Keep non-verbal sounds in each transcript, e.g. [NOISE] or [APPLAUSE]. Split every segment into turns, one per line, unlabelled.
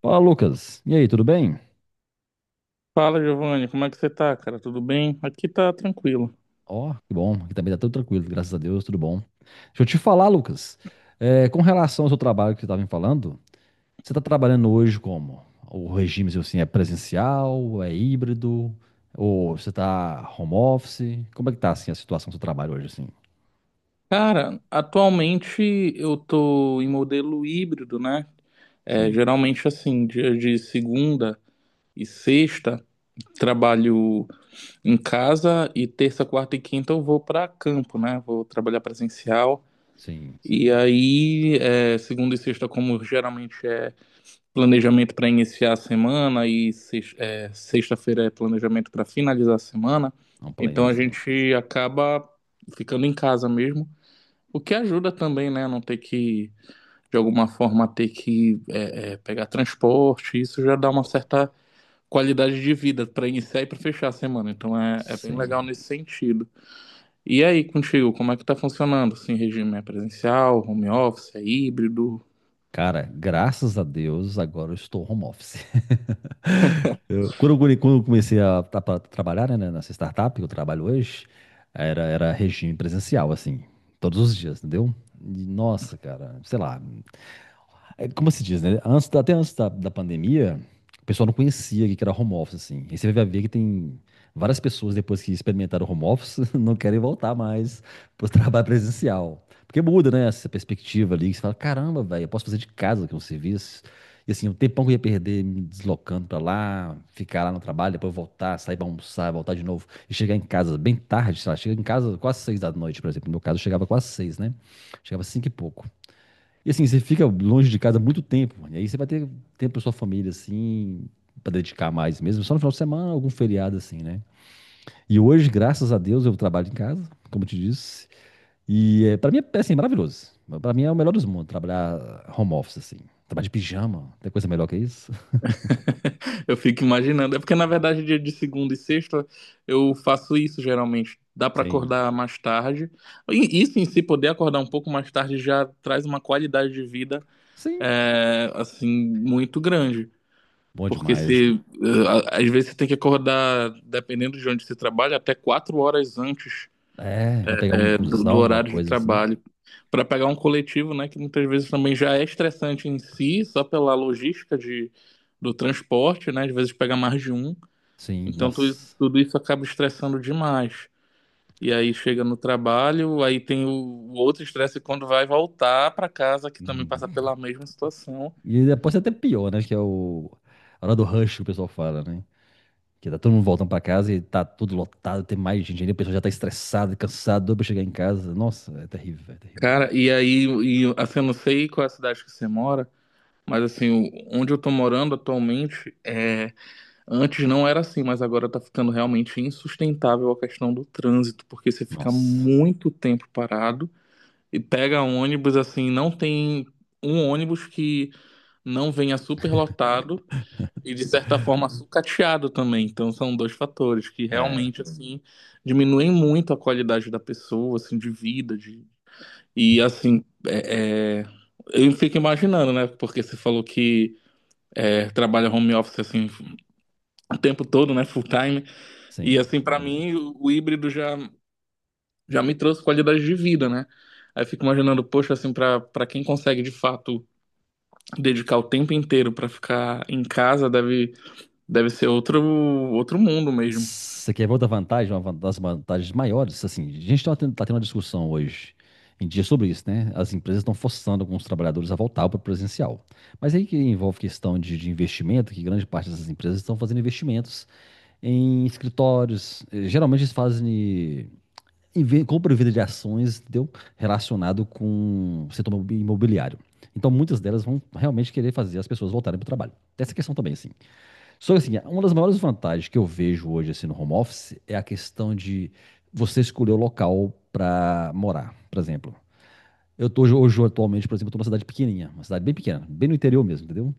Fala, Lucas. E aí, tudo bem?
Fala, Giovanni, como é que você tá, cara? Tudo bem? Aqui tá tranquilo.
Ó, que bom. Aqui também tá tudo tranquilo, graças a Deus, tudo bom. Deixa eu te falar, Lucas. Com relação ao seu trabalho que você estava me falando, você está trabalhando hoje como? O regime, seu, assim, é presencial, é híbrido, ou você está home office? Como é que tá, assim, a situação do seu trabalho hoje, assim?
Cara, atualmente eu tô em modelo híbrido, né? É,
Sim,
geralmente assim, dia de segunda e sexta, trabalho em casa e terça, quarta e quinta eu vou pra campo, né? Vou trabalhar presencial.
sim.
E aí, segunda e sexta, como geralmente é planejamento para iniciar a semana e sexta-feira é planejamento para finalizar a semana.
Um plane,
Então a
assim.
gente acaba ficando em casa mesmo, o que ajuda também, né? Não ter que, de alguma forma, ter que pegar transporte. Isso já dá uma
Bom,
certa qualidade de vida para iniciar e para fechar a semana. Então é bem legal
sim.
nesse sentido. E aí, contigo, como é que tá funcionando? Assim, regime é presencial, home office, é híbrido?
Cara, graças a Deus, agora eu estou home office. [LAUGHS] Quando eu comecei a, tra- pra trabalhar, né, nessa startup que eu trabalho hoje, era regime presencial, assim, todos os dias, entendeu? E, nossa, cara, sei lá, é, como se diz, né? Antes, até antes da pandemia, o pessoal não conhecia que era home office, assim. E você vai ver que tem várias pessoas, depois que experimentaram home office, [LAUGHS] não querem voltar mais pro trabalho presencial. Porque muda, né? Essa perspectiva ali, que você fala, caramba, velho, eu posso fazer de casa que é um serviço. E assim, o tempão que eu ia perder me deslocando pra lá, ficar lá no trabalho, depois voltar, sair pra almoçar, voltar de novo e chegar em casa bem tarde, sei lá, chega em casa quase seis da noite, por exemplo. No meu caso, eu chegava quase seis, né? Chegava cinco e pouco. E assim, você fica longe de casa muito tempo, mano. E aí você vai ter tempo pra sua família, assim, pra dedicar mais mesmo. Só no final de semana, algum feriado, assim, né? E hoje, graças a Deus, eu trabalho em casa, como eu te disse. E é, pra mim é, assim, maravilhoso. Pra mim é o melhor dos mundos, trabalhar home office, assim. Trabalhar de pijama, tem coisa melhor que isso?
[LAUGHS] Eu fico imaginando. É porque, na verdade, dia de segunda e sexta eu faço isso geralmente. Dá
[LAUGHS]
pra
Sim.
acordar mais tarde. E isso em si, poder acordar um pouco mais tarde já traz uma qualidade de vida,
Sim,
assim, muito grande.
bom
Porque
demais.
se, eh, a- às vezes você tem que acordar, dependendo de onde você trabalha, até quatro horas antes,
É, vai pegar um
do
busão, alguma
horário de
coisa assim.
trabalho. Pra pegar um coletivo, né, que muitas vezes também já é estressante em si, só pela logística do transporte, né? Às vezes pega mais de um.
Sim,
Então
nossa.
tudo isso acaba estressando demais. E aí chega no trabalho, aí tem o outro estresse quando vai voltar para casa, que também passa
Hum.
pela mesma situação.
E depois é até pior, né? Que é o... a hora do rush que o pessoal fala, né? Que tá todo mundo voltando pra casa e tá tudo lotado, tem mais gente ainda, a pessoa já tá estressada, cansada, doida pra chegar em casa. Nossa, é terrível, terrível.
Cara, assim, eu não sei qual é a cidade que você mora, mas assim, onde eu tô morando atualmente, antes não era assim, mas agora tá ficando realmente insustentável a questão do trânsito, porque você fica
Nossa.
muito tempo parado e pega ônibus, assim, não tem um ônibus que não venha superlotado, e de certa forma sucateado também. Então são dois fatores que
É,
realmente assim diminuem muito a qualidade da pessoa, assim, de vida, de… e eu fico imaginando, né? Porque você falou que trabalha home office assim o tempo todo, né? Full time. E
sim,
assim, pra
bom
mim,
demais.
o híbrido já me trouxe qualidade de vida, né? Aí eu fico imaginando, poxa, assim, pra quem consegue de fato dedicar o tempo inteiro pra ficar em casa, deve ser outro mundo mesmo.
Você quer ver outra vantagem, uma das vantagens maiores? Assim, a gente tá tendo uma discussão hoje em dia sobre isso, né? As empresas estão forçando alguns trabalhadores a voltar para o presencial. Mas aí que envolve questão de investimento, que grande parte dessas empresas estão fazendo investimentos em escritórios. Geralmente eles fazem compra e venda de ações, entendeu? Relacionado com o setor imobiliário. Então, muitas delas vão realmente querer fazer as pessoas voltarem para o trabalho. Tem essa questão também, assim. Só que, assim, é uma das maiores vantagens que eu vejo hoje, assim, no home office é a questão de você escolher o local para morar, por exemplo. Eu hoje, atualmente, por exemplo, eu tô numa cidade pequenininha, uma cidade bem pequena, bem no interior mesmo, entendeu?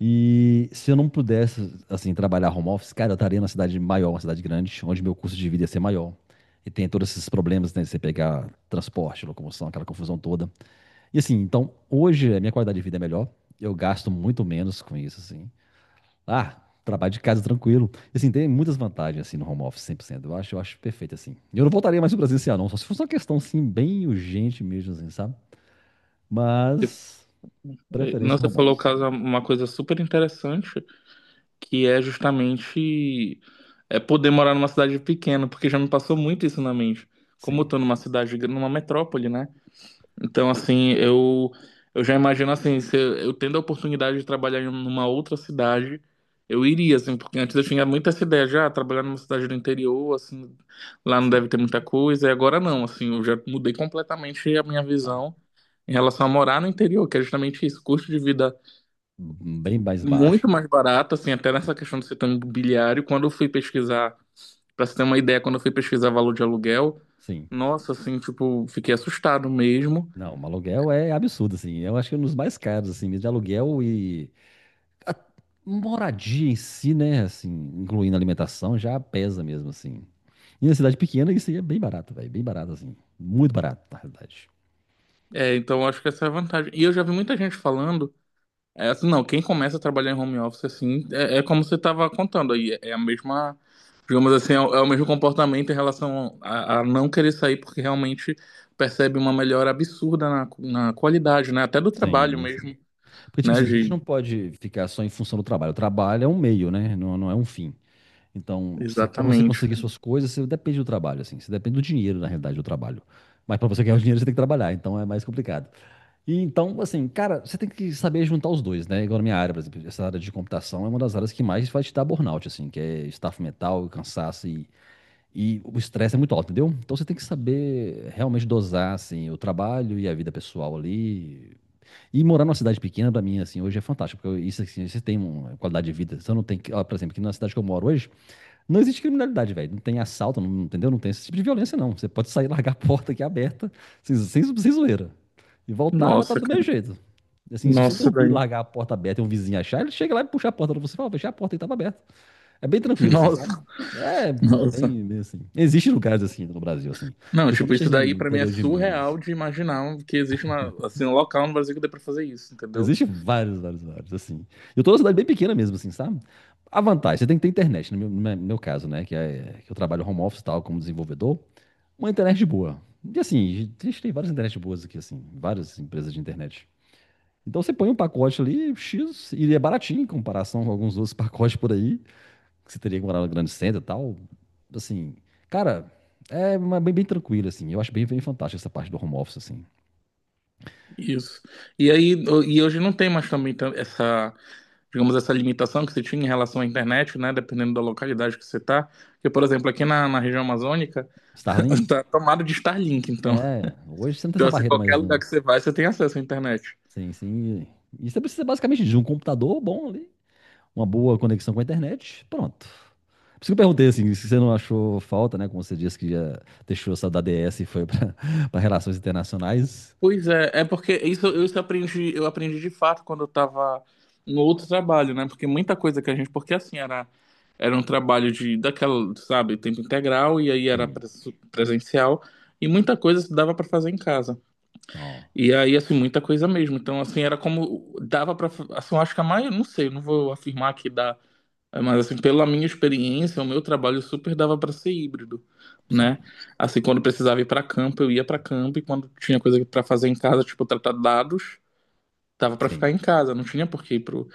E se eu não pudesse, assim, trabalhar home office, cara, eu estaria numa cidade maior, uma cidade grande, onde meu custo de vida ia ser maior. E tem todos esses problemas, né, de você pegar transporte, locomoção, aquela confusão toda. E assim, então, hoje a minha qualidade de vida é melhor, eu gasto muito menos com isso, assim. Ah, trabalho de casa tranquilo. E assim, tem muitas vantagens, assim, no home office, 100%, eu acho perfeito, assim. E eu não voltaria mais pro presencial, não, só se fosse uma questão, assim, bem urgente mesmo, assim, sabe? Mas,
Não,
preferência
você
home
falou
office.
caso uma coisa super interessante, que é justamente poder morar numa cidade pequena, porque já me passou muito isso na mente. Como eu
Sim,
tô numa numa metrópole, né? Então, assim, eu já imagino assim, se eu tendo a oportunidade de trabalhar em uma outra cidade, eu iria, assim, porque antes eu tinha muito essa ideia já, trabalhar numa cidade do interior, assim, lá não
sim.
deve ter muita coisa, e agora não, assim, eu já mudei completamente a minha
Ah.
visão em relação a morar no interior, que é justamente isso, custo de vida
Uhum, bem mais
muito
baixo, velho.
mais barato, assim, até
Sim.
nessa questão do setor imobiliário, quando eu fui pesquisar, para você ter uma ideia, quando eu fui pesquisar valor de aluguel,
Sim.
nossa, assim, tipo, fiquei assustado mesmo.
Não, um aluguel é absurdo, assim. Eu acho que é um dos mais caros, assim, mesmo de aluguel e a moradia em si, né? Assim, incluindo alimentação, já pesa mesmo, assim. E na cidade pequena, isso aí é bem barato, velho. Bem barato, assim. Muito barato, na realidade.
É, então eu acho que essa é a vantagem. E eu já vi muita gente falando, assim, não, quem começa a trabalhar em home office assim, como você estava contando aí, é a mesma, digamos assim, é o mesmo comportamento em relação a não querer sair, porque realmente percebe uma melhora absurda na qualidade, né? Até do trabalho
Sim, sim.
mesmo,
Porque, tipo
né,
assim, a gente
de…
não pode ficar só em função do trabalho. O trabalho é um meio, né? Não, não é um fim. Então, você, para você
Exatamente,
conseguir
cara.
suas coisas, você depende do trabalho, assim. Você depende do dinheiro, na realidade, do trabalho. Mas para você ganhar o dinheiro, você tem que trabalhar. Então, é mais complicado. E então, assim, cara, você tem que saber juntar os dois, né? Igual na minha área, por exemplo, essa área de computação é uma das áreas que mais vai te dar burnout, assim, que é estafo mental, cansaço e o estresse é muito alto, entendeu? Então você tem que saber realmente dosar, assim, o trabalho e a vida pessoal ali. E morar numa cidade pequena, pra mim, assim, hoje é fantástico, porque isso, assim, você tem uma qualidade de vida. Você não tem que, ó, por exemplo, aqui na cidade que eu moro hoje, não existe criminalidade, velho. Não tem assalto, não, entendeu? Não tem esse tipo de violência, não. Você pode sair, [LAUGHS] e largar a porta aqui aberta, sem zoeira. E voltar, vai estar
Nossa,
do mesmo
cara.
jeito. Assim, se você
Nossa,
dormir,
daí.
largar a porta aberta e um vizinho achar, ele chega lá e puxa a porta pra você e fala, fechar a porta e tava aberta. É bem
[LAUGHS]
tranquilo, assim, sabe?
Nossa.
É
Nossa.
bem, bem assim. Existem lugares assim no Brasil, assim.
Não, tipo,
Principalmente
isso
assim,
daí
no
pra mim é
interior de Minas.
surreal de imaginar um, que existe uma, assim, um local no Brasil que dê pra fazer isso, entendeu?
Existem vários, vários, vários, assim. Eu tô numa cidade bem pequena mesmo, assim, sabe? A vantagem, você tem que ter internet, no meu caso, né? Que, é, que eu trabalho home office e tal, como desenvolvedor. Uma internet boa. E assim, a gente tem várias internet boas aqui, assim, várias empresas de internet. Então você põe um pacote ali, X, e é baratinho em comparação com alguns outros [LAUGHS] pacotes por aí, que você teria que morar no grande centro e tal. Assim, cara, é bem, bem tranquilo, assim. Eu acho bem, bem fantástico essa parte do home office, assim.
Isso. E aí, e hoje não tem mais também essa, digamos, essa limitação que você tinha em relação à internet, né? Dependendo da localidade que você tá. Porque, por exemplo, aqui na região amazônica, [LAUGHS]
Starlink,
tá tomado de Starlink, então.
é, hoje você não tem
Então,
essa
assim,
barreira
qualquer
mais,
lugar
não.
que você vai, você tem acesso à internet.
Sim, sim. E você precisa basicamente de um computador bom ali uma boa conexão com a internet, pronto. Por isso que eu perguntei assim, se você não achou falta, né? Como você disse que já deixou essa da DS e foi para [LAUGHS] relações internacionais.
Pois é, é porque isso aprendi, eu aprendi de fato quando eu estava no outro trabalho, né? Porque muita coisa que a gente, porque assim era um trabalho de daquela, sabe, tempo integral e aí era
Sim,
presencial e muita coisa se dava para fazer em casa.
não,
E aí assim, muita coisa mesmo. Então assim, era como dava para assim, eu acho que a maioria, não sei, não vou afirmar que dá. É, mas assim, pela minha experiência, o meu trabalho super dava para ser híbrido, né?
sim,
Assim, quando precisava ir para campo, eu ia para campo e quando tinha coisa para fazer em casa, tipo tratar dados, dava para
sim,
ficar em casa, não tinha por que ir pro,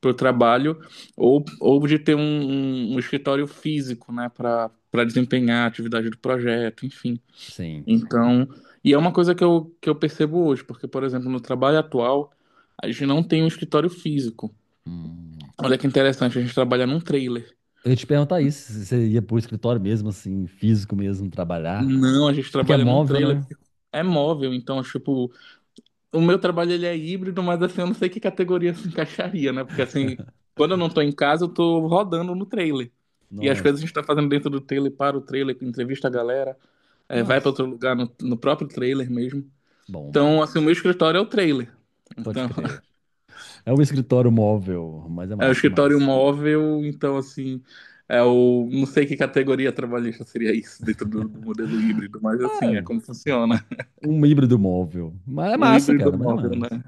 pro trabalho ou de ter um escritório físico, né, para para desempenhar a atividade do projeto, enfim.
sim.
Então, e é uma coisa que eu percebo hoje, porque por exemplo, no trabalho atual, a gente não tem um escritório físico.
Hum.
Olha que interessante, a gente trabalha num trailer.
Eu ia te perguntar isso, se você ia pro escritório mesmo, assim, físico mesmo, trabalhar.
Não, a gente
Porque é
trabalha num
móvel,
trailer,
né?
porque é móvel, então, tipo, o meu trabalho ele é híbrido, mas assim, eu não sei que categoria se encaixaria, né? Porque assim, quando eu não tô em casa, eu tô rodando no trailer. E as coisas a
Nossa,
gente tá fazendo dentro do trailer, para o trailer, entrevista a galera, vai para
mas,
outro lugar no próprio trailer mesmo.
bom, bom,
Então,
bom.
assim, o meu escritório é o trailer.
Pode
Então,
crer.
[LAUGHS]
É um escritório móvel, mas é
é o
massa,
escritório
massa.
móvel, então, assim, é o… Não sei que categoria trabalhista seria isso dentro do modelo híbrido, mas assim, é
Ah,
como funciona.
um híbrido móvel. Mas é
Um
massa,
híbrido
cara, mas é
móvel, né?
massa.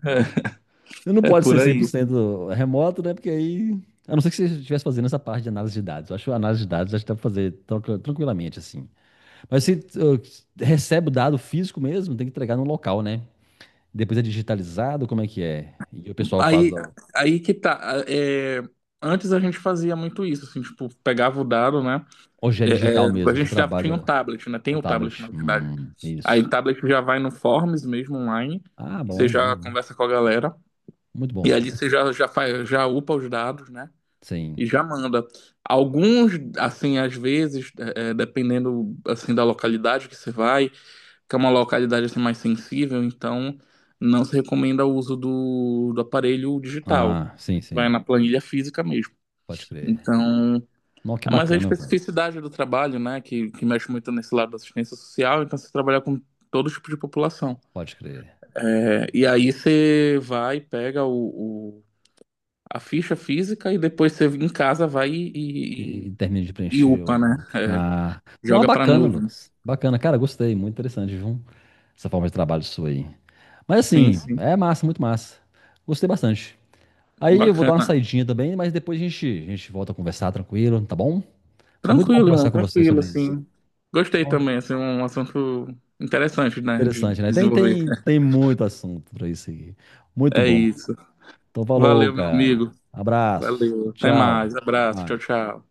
Não
É, é
pode ser
por
cem por
aí.
cento remoto, né? Porque aí. A não ser que você estivesse fazendo essa parte de análise de dados. Eu acho que a análise de dados acho que dá para fazer tranquilamente, assim. Mas se recebe o dado físico mesmo, tem que entregar no local, né? Depois é digitalizado, como é que é? E o pessoal faz.
Aí,
Ó,
aí que tá. Antes a gente fazia muito isso, assim, tipo, pegava o dado, né?
hoje é
É,
digital
é, a
mesmo, você
gente já tinha um
trabalha
tablet, né? Tem
com
o tablet, na
tablet.
verdade. Aí
Isso.
o tablet já vai no Forms mesmo online,
Ah,
você
bom, bom,
já
bom.
conversa com a galera,
Muito
e
bom.
ali você já, já faz, já upa os dados, né?
Sim.
E já manda. Alguns, assim, às vezes, dependendo, assim, da localidade que você vai, que é uma localidade assim, mais sensível, então não se recomenda o uso do aparelho digital.
Ah, sim,
Vai
sim.
na planilha física mesmo.
Pode crer.
Então,
Nossa, que
mas a
bacana, velho.
especificidade do trabalho, né, que mexe muito nesse lado da assistência social, então você trabalha com todo tipo de população.
Pode crer.
É, e aí você vai, pega a ficha física e depois você em casa vai
E, termino de
e
preencher.
upa,
O-
né? É,
Ah, não, é
joga pra
bacana,
nuvem.
Lucas. Bacana, cara, gostei. Muito interessante, viu? Essa forma de trabalho sua aí. Mas
Sim,
assim,
sim.
é massa, muito massa. Gostei bastante. Aí eu vou dar uma
Bacana.
saidinha também, mas a gente volta a conversar tranquilo, tá bom? Foi muito bom
Tranquilo, irmão,
conversar com você
tranquilo,
sobre isso.
assim. Gostei
Ó,
também, assim, um assunto interessante, né, de
interessante, né? Tem,
desenvolver.
tem, tem muito assunto pra isso aqui. Muito
É
bom.
isso.
Então, falou,
Valeu, meu
cara.
amigo.
Abraço.
Valeu. Até
Tchau.
mais. Abraço. Tchau,
Vai.
tchau.